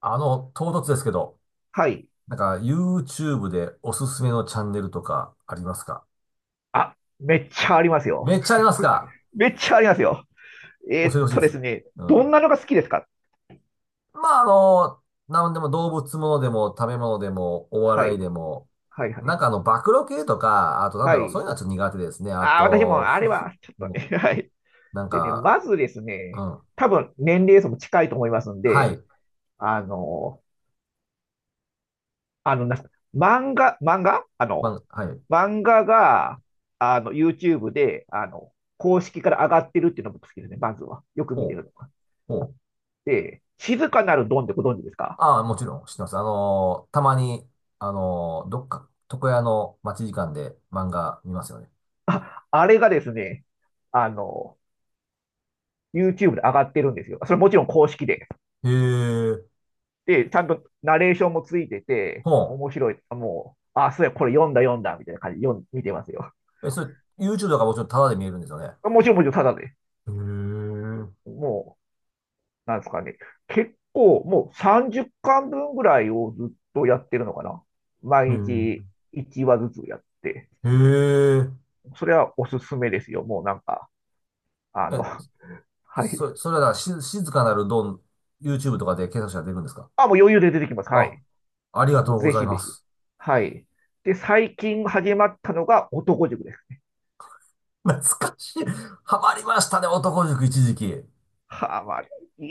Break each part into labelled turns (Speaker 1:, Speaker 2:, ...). Speaker 1: 唐突ですけど、
Speaker 2: はい。
Speaker 1: YouTube でおすすめのチャンネルとかありますか？
Speaker 2: あ、めっちゃありますよ。
Speaker 1: めっちゃありますか？
Speaker 2: めっちゃありますよ。
Speaker 1: 教えてほしいで
Speaker 2: で
Speaker 1: す。
Speaker 2: すね、
Speaker 1: う
Speaker 2: どん
Speaker 1: ん。
Speaker 2: なのが好きですか？
Speaker 1: まあ、なんでも動物ものでも食べ物でもお
Speaker 2: は
Speaker 1: 笑い
Speaker 2: い。
Speaker 1: でも、
Speaker 2: はい、はい。
Speaker 1: 暴露系とか、あとなんだ
Speaker 2: は
Speaker 1: ろう、そうい
Speaker 2: い。
Speaker 1: うのはちょっと苦手ですね。あ
Speaker 2: ああ、私も
Speaker 1: と、
Speaker 2: あ
Speaker 1: ふ
Speaker 2: れは、
Speaker 1: ふ、
Speaker 2: ちょっとね、
Speaker 1: うん。
Speaker 2: はい。
Speaker 1: なん
Speaker 2: でね、
Speaker 1: か、
Speaker 2: まずです
Speaker 1: う
Speaker 2: ね、
Speaker 1: ん。
Speaker 2: 多分年齢層も近いと思いますん
Speaker 1: は
Speaker 2: で、
Speaker 1: い。
Speaker 2: あの、あの、なんすか漫画、漫画あの、
Speaker 1: まあ、はい。
Speaker 2: 漫画が、YouTube で、公式から上がってるっていうのも好きですね、まずは。よく見
Speaker 1: ほ
Speaker 2: て
Speaker 1: う、
Speaker 2: るのが。
Speaker 1: ほう。
Speaker 2: で、静かなるドンってご存知ですか？
Speaker 1: ああ、もちろん知ってます。あの、たまに、あの、どっか、床屋の待ち時間で漫画見ますよね。
Speaker 2: あ、あれがですね、あの、YouTube で上がってるんですよ。それもちろん公式で。
Speaker 1: へえ、
Speaker 2: で、ちゃんとナレーションもついてて、
Speaker 1: ほ
Speaker 2: 面白い。もう、あ、そうや、これ読んだ読んだ、みたいな感じで読ん見てますよ。
Speaker 1: う。え、それ、YouTube だからもちろんタダで見えるんですよね。
Speaker 2: もちろんもちろんただで、
Speaker 1: へえ、
Speaker 2: もう、なんですかね。結構、もう30巻分ぐらいをずっとやってるのかな。
Speaker 1: へ
Speaker 2: 毎日1話ずつやって。
Speaker 1: え、へえ。
Speaker 2: それはおすすめですよ。もうなんか、あの、
Speaker 1: え、
Speaker 2: はい。
Speaker 1: それはだから静かなるドン、YouTube とかで検索したら出るんですか？
Speaker 2: あ、もう余裕で出てきます。は
Speaker 1: あ、
Speaker 2: い。
Speaker 1: あり
Speaker 2: は
Speaker 1: が
Speaker 2: い、も
Speaker 1: と
Speaker 2: う
Speaker 1: うご
Speaker 2: ぜ
Speaker 1: ざい
Speaker 2: ひぜ
Speaker 1: ま
Speaker 2: ひ。
Speaker 1: す。
Speaker 2: はい。で、最近始まったのが男塾です。
Speaker 1: 懐かしい。ハマりましたね、男塾一時期。い
Speaker 2: はあ、まあ、い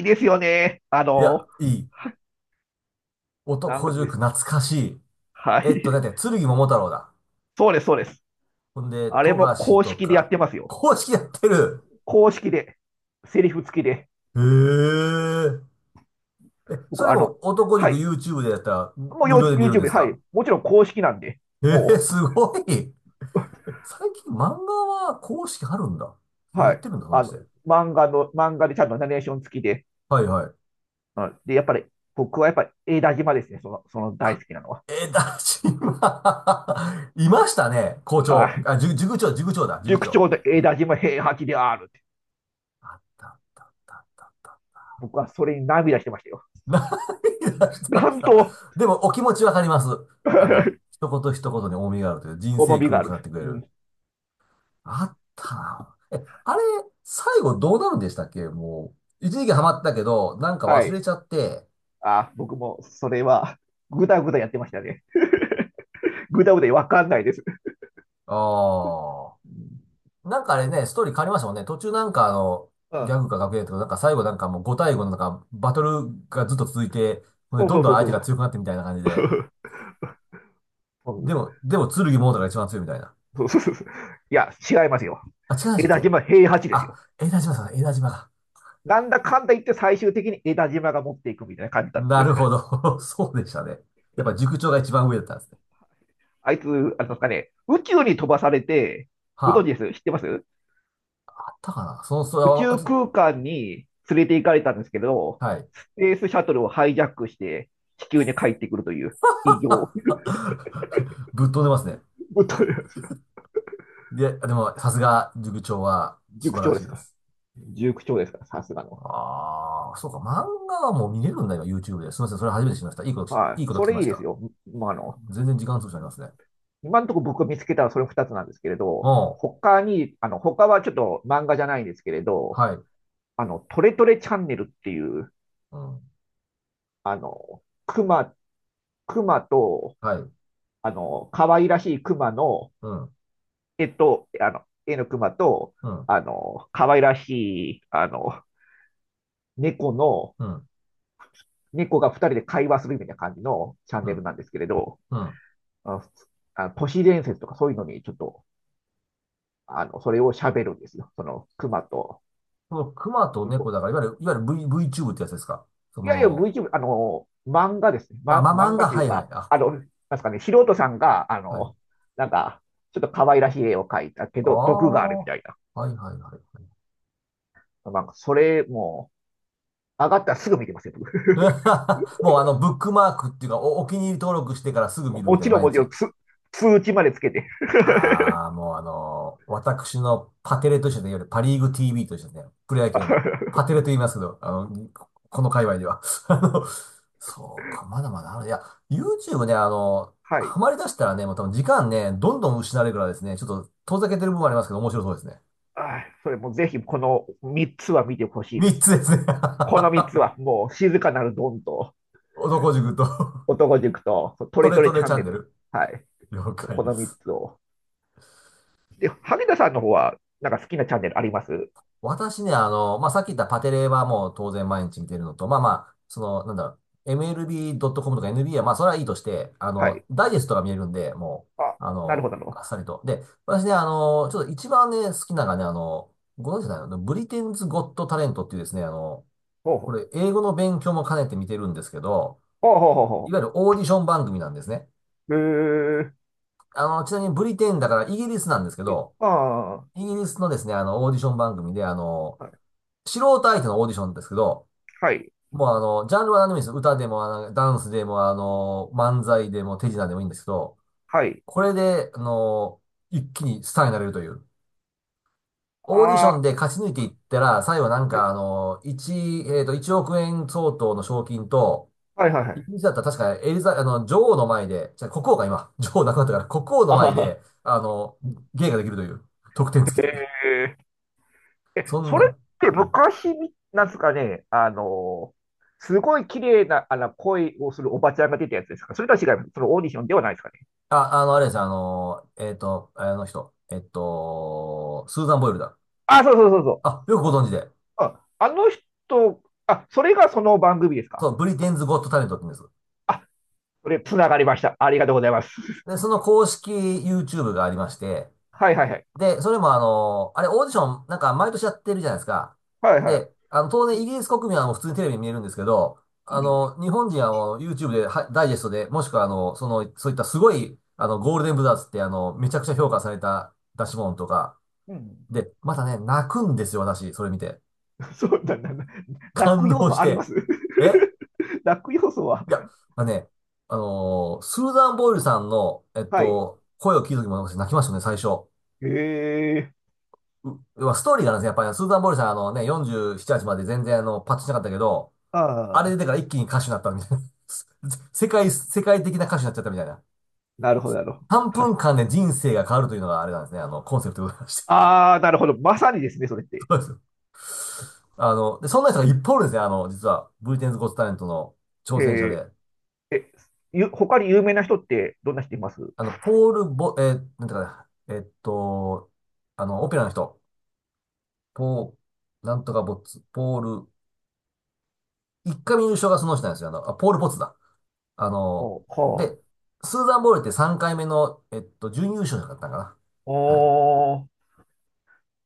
Speaker 2: いですよね。
Speaker 1: や、いい。
Speaker 2: な
Speaker 1: 男
Speaker 2: ん
Speaker 1: 塾
Speaker 2: ですか。
Speaker 1: 懐かしい。
Speaker 2: は
Speaker 1: だ
Speaker 2: い。
Speaker 1: って、剣桃太郎だ。
Speaker 2: そうです、そうです。
Speaker 1: ほんで、
Speaker 2: あれ
Speaker 1: 富
Speaker 2: も
Speaker 1: 樫
Speaker 2: 公
Speaker 1: と
Speaker 2: 式でやっ
Speaker 1: か、
Speaker 2: てますよ。
Speaker 1: 公式やってる。
Speaker 2: 公式で、セリフ付きで。
Speaker 1: へえ。え、そ
Speaker 2: 僕、
Speaker 1: れ
Speaker 2: あ
Speaker 1: も
Speaker 2: の、
Speaker 1: 男
Speaker 2: は
Speaker 1: 塾
Speaker 2: い。
Speaker 1: YouTube でやったら
Speaker 2: も
Speaker 1: 無
Speaker 2: う
Speaker 1: 料で見れるん
Speaker 2: YouTube
Speaker 1: で
Speaker 2: で、
Speaker 1: す
Speaker 2: は
Speaker 1: か？
Speaker 2: い。もちろん公式なんで、
Speaker 1: えー、
Speaker 2: も
Speaker 1: すごい。最近漫画は公式あるんだ。
Speaker 2: う、
Speaker 1: や
Speaker 2: は
Speaker 1: っ
Speaker 2: い。
Speaker 1: てるんだ、
Speaker 2: あ
Speaker 1: 話
Speaker 2: の、
Speaker 1: で。
Speaker 2: 漫画でちゃんとナレーション付きで。
Speaker 1: はいはい。
Speaker 2: うん、で、やっぱり、僕はやっぱり、江田島ですね。その大
Speaker 1: あ、
Speaker 2: 好きなのは。
Speaker 1: えー、だし、今、いましたね。校
Speaker 2: は
Speaker 1: 長。
Speaker 2: い。
Speaker 1: あ、塾
Speaker 2: 塾
Speaker 1: 長。
Speaker 2: 長と江田島平八である。
Speaker 1: あったあったあった。
Speaker 2: 僕はそれに涙してましたよ。
Speaker 1: 何出 してま
Speaker 2: な
Speaker 1: し
Speaker 2: ん
Speaker 1: た。
Speaker 2: と
Speaker 1: でも、お気持ちわかります。一言一言に重みがあるという人
Speaker 2: 重
Speaker 1: 生
Speaker 2: み
Speaker 1: 訓
Speaker 2: が
Speaker 1: を
Speaker 2: ある。
Speaker 1: 語ってくれ
Speaker 2: う
Speaker 1: る。
Speaker 2: ん、
Speaker 1: あったな。え、あれ、最後どうなるんでしたっけ？もう、一時期ハマったけど、なんか
Speaker 2: は
Speaker 1: 忘れ
Speaker 2: い。
Speaker 1: ちゃって、
Speaker 2: あ、僕もそれは、ぐだぐだやってましたね。ぐだぐだわかんないです。
Speaker 1: ああ、なんかあれね、ストーリー変わりましたもんね。途中、
Speaker 2: う
Speaker 1: ギ
Speaker 2: ん。
Speaker 1: ャグか学園とか、なんか最後なんかもう5対5のなんか、バトルがずっと続いて、ほんで
Speaker 2: そう
Speaker 1: ど
Speaker 2: そ
Speaker 1: ん
Speaker 2: う
Speaker 1: ど
Speaker 2: そ
Speaker 1: ん
Speaker 2: う
Speaker 1: 相手
Speaker 2: そ
Speaker 1: が
Speaker 2: う。
Speaker 1: 強くなってみたいな感じで。
Speaker 2: そ
Speaker 1: で
Speaker 2: う
Speaker 1: も、でも、剣モードが一番強いみたいな。
Speaker 2: そうそうそう。いや、違いますよ。
Speaker 1: あ、違いましたっ
Speaker 2: 枝
Speaker 1: け？
Speaker 2: 島平八ですよ。
Speaker 1: あ、江田島だ。
Speaker 2: なんだかんだ言って最終的に枝島が持っていくみたいな感じだった
Speaker 1: な
Speaker 2: んで
Speaker 1: る
Speaker 2: す。
Speaker 1: ほど。そうでしたね。やっぱ塾長が一番上だったんですね。
Speaker 2: あいつ、あれですかね、宇宙に飛ばされて、ご存知
Speaker 1: は
Speaker 2: です？知ってます？
Speaker 1: あ、あったかなその、それ
Speaker 2: 宇
Speaker 1: は、あ
Speaker 2: 宙
Speaker 1: ちょ
Speaker 2: 空間に連れて行かれたんですけど、
Speaker 1: はい。
Speaker 2: スペースシャトルをハイジャックして地球に帰ってくるという異 常。
Speaker 1: ぶっ飛んでますね。で、でも、さすが、塾長は素
Speaker 2: 塾
Speaker 1: 晴ら
Speaker 2: 長で
Speaker 1: しい
Speaker 2: す
Speaker 1: で
Speaker 2: か？
Speaker 1: す。
Speaker 2: 塾長ですか、さすがの。
Speaker 1: ああ、そうか、漫画はもう見れるんだ、今、YouTube で。すみません、それ初めて知りました。
Speaker 2: は
Speaker 1: い
Speaker 2: い。
Speaker 1: いこと
Speaker 2: そ
Speaker 1: 聞き
Speaker 2: れ
Speaker 1: ま
Speaker 2: い
Speaker 1: し
Speaker 2: いです
Speaker 1: た。
Speaker 2: よ。まあ、
Speaker 1: 全然時間潰しになりますね。
Speaker 2: 今のところ僕が見つけたのはそれ2つなんですけれど、
Speaker 1: おう、
Speaker 2: 他に、他はちょっと漫画じゃないんですけれど、
Speaker 1: はい、
Speaker 2: トレトレチャンネルっていう、
Speaker 1: うん、
Speaker 2: あの、熊、熊と、
Speaker 1: はい、
Speaker 2: 可愛らしい熊の
Speaker 1: うん、
Speaker 2: 絵の熊と、
Speaker 1: うん、
Speaker 2: あの、可愛らしい、あの、猫の、
Speaker 1: うん、
Speaker 2: 猫が二人で会話するみたいな感じのチャン
Speaker 1: う
Speaker 2: ネ
Speaker 1: ん、
Speaker 2: ルなんですけれど、
Speaker 1: うん。
Speaker 2: あの、あの都市伝説とかそういうのにちょっと、それを喋るんですよ。その、熊と
Speaker 1: この熊と猫
Speaker 2: 猫。
Speaker 1: だから、いわゆる V、VTube ってやつですか？そ
Speaker 2: いやいや、
Speaker 1: の、
Speaker 2: VTuber、漫画ですね。
Speaker 1: まあ、まあ、
Speaker 2: 漫
Speaker 1: 漫
Speaker 2: 画
Speaker 1: 画、
Speaker 2: とい
Speaker 1: は
Speaker 2: う
Speaker 1: いはい、
Speaker 2: か、
Speaker 1: あ、
Speaker 2: あの、なんですかね、素人さんが、
Speaker 1: はい。
Speaker 2: なんか、ちょっと可愛らしい絵を描いたけ
Speaker 1: あ
Speaker 2: ど、毒がある
Speaker 1: あ、
Speaker 2: み
Speaker 1: はい
Speaker 2: たいな。
Speaker 1: はいはいはい。
Speaker 2: なんか、それも、上がったらすぐ見てますよ、僕。
Speaker 1: もうあの、ブックマークっていうか、お気に入り登録してからすぐ見るみ
Speaker 2: も
Speaker 1: たい
Speaker 2: ち
Speaker 1: な、
Speaker 2: ろん、
Speaker 1: 毎
Speaker 2: もちろ
Speaker 1: 日。
Speaker 2: ん通知までつけて。
Speaker 1: ああ、もうあのー私のパテレと一緒で、いわゆるパリーグ TV と一緒でね、プロ野球のパテレと言いますけど、この界隈では。あの、そうか、まだまだある。いや、YouTube ね、
Speaker 2: はい。
Speaker 1: ハマり出したらね、もう多分時間ね、どんどん失われるからですね、ちょっと遠ざけてる部分もありますけど、面白そうですね。
Speaker 2: ああ、それもぜひ、この3つは見てほしいで
Speaker 1: 3
Speaker 2: す。
Speaker 1: つですね。
Speaker 2: この3つは、もう、静かなるドンと、
Speaker 1: 男塾と
Speaker 2: 男塾と、ト
Speaker 1: ト
Speaker 2: レ
Speaker 1: レ
Speaker 2: トレ
Speaker 1: ト
Speaker 2: チ
Speaker 1: レ
Speaker 2: ャ
Speaker 1: チ
Speaker 2: ン
Speaker 1: ャ
Speaker 2: ネ
Speaker 1: ンネ
Speaker 2: ル。
Speaker 1: ル。
Speaker 2: はい。
Speaker 1: 了解
Speaker 2: こ
Speaker 1: で
Speaker 2: の3
Speaker 1: す。
Speaker 2: つを。で、羽田さんの方は、なんか好きなチャンネルあります？
Speaker 1: 私ね、さっき言ったパテレはもう当然毎日見てるのと、MLB.com とか NBA はまあ、それはいいとして、
Speaker 2: はい。
Speaker 1: ダイジェストが見えるんで、も
Speaker 2: あ、
Speaker 1: う、
Speaker 2: なるほど、なるほ
Speaker 1: あ
Speaker 2: ど。
Speaker 1: っさりと。で、私ね、ちょっと一番ね、好きなのがね、ご存知じゃないのブリテンズ・ゴット・タレントっていうですね、
Speaker 2: ほう
Speaker 1: こ
Speaker 2: ほ
Speaker 1: れ、
Speaker 2: う。
Speaker 1: 英語の勉強も兼ねて見てるんですけど、
Speaker 2: ほうほうほうほう
Speaker 1: い
Speaker 2: ほ
Speaker 1: わゆるオーディション番組なんですね。
Speaker 2: うへえ
Speaker 1: ちなみにブリテンだからイギリスなんですけ
Speaker 2: ー
Speaker 1: ど、
Speaker 2: あ
Speaker 1: イギリスのですね、オーディション番組で、
Speaker 2: あ、はい、
Speaker 1: 素人相手のオーディションですけど、
Speaker 2: はい、
Speaker 1: もうあの、ジャンルは何でもいいんですよ。歌でも、ダンスでも、漫才でも、手品でもいいんですけど、
Speaker 2: はい。
Speaker 1: これで、一気にスターになれるという。オーディショ
Speaker 2: あ
Speaker 1: ン
Speaker 2: あ、
Speaker 1: で勝ち抜いていったら、最後な
Speaker 2: はい、
Speaker 1: んかあの、1、えっと、1億円相当の賞金と、
Speaker 2: はい、はいは
Speaker 1: イ
Speaker 2: い。
Speaker 1: ギリスだったら確かエリザ、あの、女王の前で、じゃあ国王が今、女王亡くなったから、国王の
Speaker 2: ああ
Speaker 1: 前
Speaker 2: はいはいはいあ
Speaker 1: で、
Speaker 2: あ
Speaker 1: 芸ができるという、得点付きという。
Speaker 2: へーえ、
Speaker 1: そん
Speaker 2: そ
Speaker 1: な
Speaker 2: れっ
Speaker 1: ん、
Speaker 2: て
Speaker 1: うん。
Speaker 2: 昔み、なんですかね、すごい綺麗な、声をするおばちゃんが出たやつですか？それとは違います。そのオーディションではないですかね。
Speaker 1: あ、あの、あれですよ、あの、えっと、あの人、えっと、スーザン・ボイルだ。
Speaker 2: あ、そうそうそうそう。
Speaker 1: あ、よくご存知で。
Speaker 2: あ、あの人、あ、それがその番組です
Speaker 1: そ
Speaker 2: か？
Speaker 1: う、ブリテンズ・ゴット・タレントって言うんです。
Speaker 2: あ、それ、つながりました。ありがとうございます。
Speaker 1: で、そ の公式 YouTube がありまして、
Speaker 2: はいはいはい。
Speaker 1: で、それもあれオーディションなんか毎年やってるじゃないですか。
Speaker 2: はいは
Speaker 1: で、当
Speaker 2: い。
Speaker 1: 然イ
Speaker 2: う
Speaker 1: ギリス国民はもう普通にテレビに見えるんですけど、
Speaker 2: ん、
Speaker 1: 日本人はもう YouTube ではダイジェストで、もしくはそういったすごい、ゴールデンブザーズってめちゃくちゃ
Speaker 2: う
Speaker 1: 評
Speaker 2: ん、
Speaker 1: 価された出し物とか、
Speaker 2: うん。
Speaker 1: で、またね、泣くんですよ、私、それ見て。
Speaker 2: そうだな、泣
Speaker 1: 感
Speaker 2: く要
Speaker 1: 動し
Speaker 2: 素ありま
Speaker 1: て。
Speaker 2: す？
Speaker 1: え、
Speaker 2: 泣く要素は、
Speaker 1: いや、まあね、スーザン・ボイルさんの、
Speaker 2: はい。
Speaker 1: 声を聞いた時も私泣きましたね、最初。
Speaker 2: へえ、
Speaker 1: う、まあ、ストーリーがあるんですね、やっぱり、スーザン・ボイルさん、あのね、47、8まで全然パッとしなかったけど、あれ
Speaker 2: あ
Speaker 1: 出
Speaker 2: あ、
Speaker 1: てから一気に歌手になったみたいな。世界的な歌手になっちゃったみたいな。
Speaker 2: なるほど、なるほど。
Speaker 1: 3分間で人生が変わるというのがあれなんですね、コンセプトでございまして。
Speaker 2: ああ、なるほど。まさにですね、それって。
Speaker 1: そうです。で、そんな人がいっぱいおるんですね、実は、ブリテンズ・ゴット・タレントの挑
Speaker 2: へ
Speaker 1: 戦者で。
Speaker 2: え、え、他に有名な人ってどんな人います？
Speaker 1: あの、ポール・ボ、えーなんていうかな、えっと、あの、オペラの人、ポー、なんとかボッツ、ポール、一回目優勝がその人なんですよ。あの、ポール・ボッツだ。あの、
Speaker 2: おは
Speaker 1: で、スーザン・ボールって3回目の、準優勝者だったかな。はい。
Speaker 2: あ、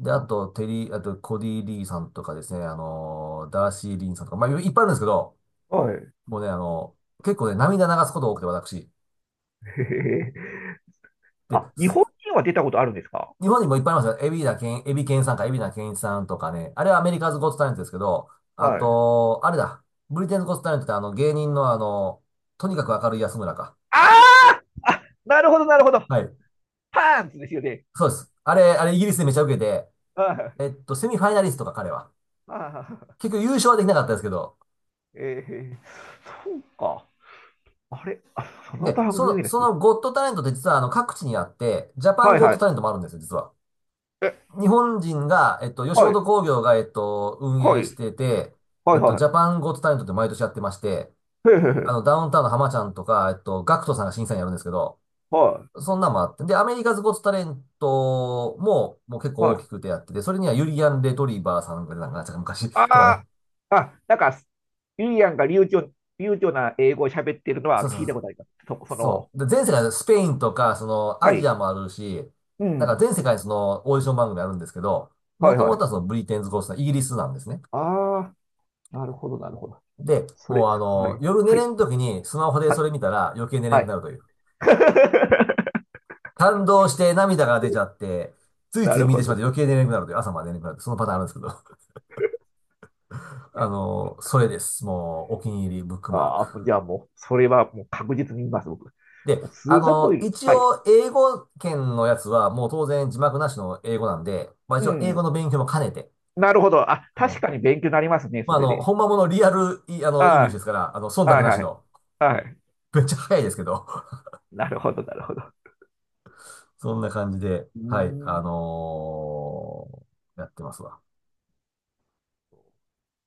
Speaker 1: で、
Speaker 2: あ
Speaker 1: あ
Speaker 2: ー
Speaker 1: と、テリー、あと、コディ・リーさんとかですね、ダーシー・リンさんとか、まあ、いっぱいあるんですけど、
Speaker 2: はい。へ
Speaker 1: もうね、結構ね、涙流すことが多くて、私。
Speaker 2: え。
Speaker 1: で、
Speaker 2: あ、日
Speaker 1: ス
Speaker 2: 本人は出たことあるんですか？
Speaker 1: 日本にもいっぱいありますよ。エビケンさんか、エビナケンイチさんとかね。あれはアメリカズ・ゴット・タレントですけど、あ
Speaker 2: はい。
Speaker 1: と、あれだ。ブリテンズ・ゴット・タレントってあの芸人のあの、とにかく明るい安村か。
Speaker 2: ああ、なるほど、なるほど。
Speaker 1: はい。
Speaker 2: パンツですよね。
Speaker 1: そうです。あれイギリスでめちゃ受けて、
Speaker 2: あ
Speaker 1: セミファイナリストか彼は。
Speaker 2: あ、ああ、
Speaker 1: 結局優勝はできなかったですけど。
Speaker 2: ええ、そうか。あれ、その
Speaker 1: で、
Speaker 2: 番
Speaker 1: そ
Speaker 2: 組
Speaker 1: の、
Speaker 2: です
Speaker 1: そ
Speaker 2: ね。
Speaker 1: のゴット・タレントって実はあの各地にあって、ジャパン
Speaker 2: はい
Speaker 1: ゴッ
Speaker 2: は
Speaker 1: ト・タ
Speaker 2: い。
Speaker 1: レントもあるんですよ、実は。
Speaker 2: え、
Speaker 1: 日本人が、吉
Speaker 2: はい、
Speaker 1: 本興業が、運
Speaker 2: はい、
Speaker 1: 営してて、
Speaker 2: はい、
Speaker 1: ジ
Speaker 2: は
Speaker 1: ャパンゴット・タレントって毎年やってまして、
Speaker 2: い。へえ、へえ、へえ、
Speaker 1: ダウンタウンの浜ちゃんとか、ガクトさんが審査員やるんですけど、
Speaker 2: は
Speaker 1: そんなんもあって。で、アメリカズゴッツタレントも、もう結
Speaker 2: い、
Speaker 1: 構
Speaker 2: は
Speaker 1: 大
Speaker 2: い。
Speaker 1: きくてやってて、それにはユリアン・レトリバーさんがなんか、なんか昔
Speaker 2: あ
Speaker 1: とかね。
Speaker 2: あ、あ、なんか、ゆりやんが流暢な英語を喋ってるの
Speaker 1: そ
Speaker 2: は
Speaker 1: うそ
Speaker 2: 聞い
Speaker 1: う
Speaker 2: た
Speaker 1: そ
Speaker 2: こと
Speaker 1: う
Speaker 2: あります。そ
Speaker 1: そう。そ
Speaker 2: の、
Speaker 1: う。で、全世界でスペインとか、その、
Speaker 2: は
Speaker 1: アジア
Speaker 2: い。
Speaker 1: もあるし、
Speaker 2: う
Speaker 1: なんか
Speaker 2: ん。
Speaker 1: 全世界にその、オーディション番組あるんですけど、も
Speaker 2: はい
Speaker 1: と
Speaker 2: は
Speaker 1: も
Speaker 2: い。
Speaker 1: とはその、ブリテンズ・ゴッツさん、イギリスなんですね。
Speaker 2: ああ、なるほど、なるほど。
Speaker 1: で、
Speaker 2: それ、
Speaker 1: もうあ
Speaker 2: は
Speaker 1: の、
Speaker 2: い。
Speaker 1: 夜寝
Speaker 2: は
Speaker 1: れ
Speaker 2: い。
Speaker 1: ん時にスマホでそ
Speaker 2: は、
Speaker 1: れ見たら余計寝れん
Speaker 2: は
Speaker 1: くな
Speaker 2: い。
Speaker 1: るという。感動して涙が出ちゃって、つい
Speaker 2: な
Speaker 1: つい
Speaker 2: る
Speaker 1: 見て
Speaker 2: ほ
Speaker 1: しまっ
Speaker 2: ど。
Speaker 1: て余計寝れなくなるという、朝まで寝れなくなるというそのパターンあるんですけど。それです。もう、お気に入りブックマーク。
Speaker 2: ああ、じゃあもう、それはもう確実に言います、僕。
Speaker 1: で、
Speaker 2: ス
Speaker 1: あ
Speaker 2: ーザンボ
Speaker 1: の、
Speaker 2: イル。
Speaker 1: 一
Speaker 2: はい。
Speaker 1: 応、英語圏のやつは、もう当然字幕なしの英語なんで、まあ
Speaker 2: う
Speaker 1: 一応、英語
Speaker 2: ん。
Speaker 1: の勉強も兼ねて、
Speaker 2: なるほど。あ、
Speaker 1: は
Speaker 2: 確
Speaker 1: い。
Speaker 2: かに勉強になりますね、
Speaker 1: ま
Speaker 2: そ
Speaker 1: ああ
Speaker 2: れ
Speaker 1: の、
Speaker 2: で。
Speaker 1: 本んまものリアル、いあの、イングリッシ
Speaker 2: あ
Speaker 1: ュですから、忖
Speaker 2: あ、
Speaker 1: 度
Speaker 2: はい
Speaker 1: なし
Speaker 2: はい。
Speaker 1: の、
Speaker 2: はい。
Speaker 1: めっちゃ早いですけど、
Speaker 2: なるほど、なるほど。
Speaker 1: そんな感じで、
Speaker 2: うー
Speaker 1: はい、
Speaker 2: ん
Speaker 1: やってますわ。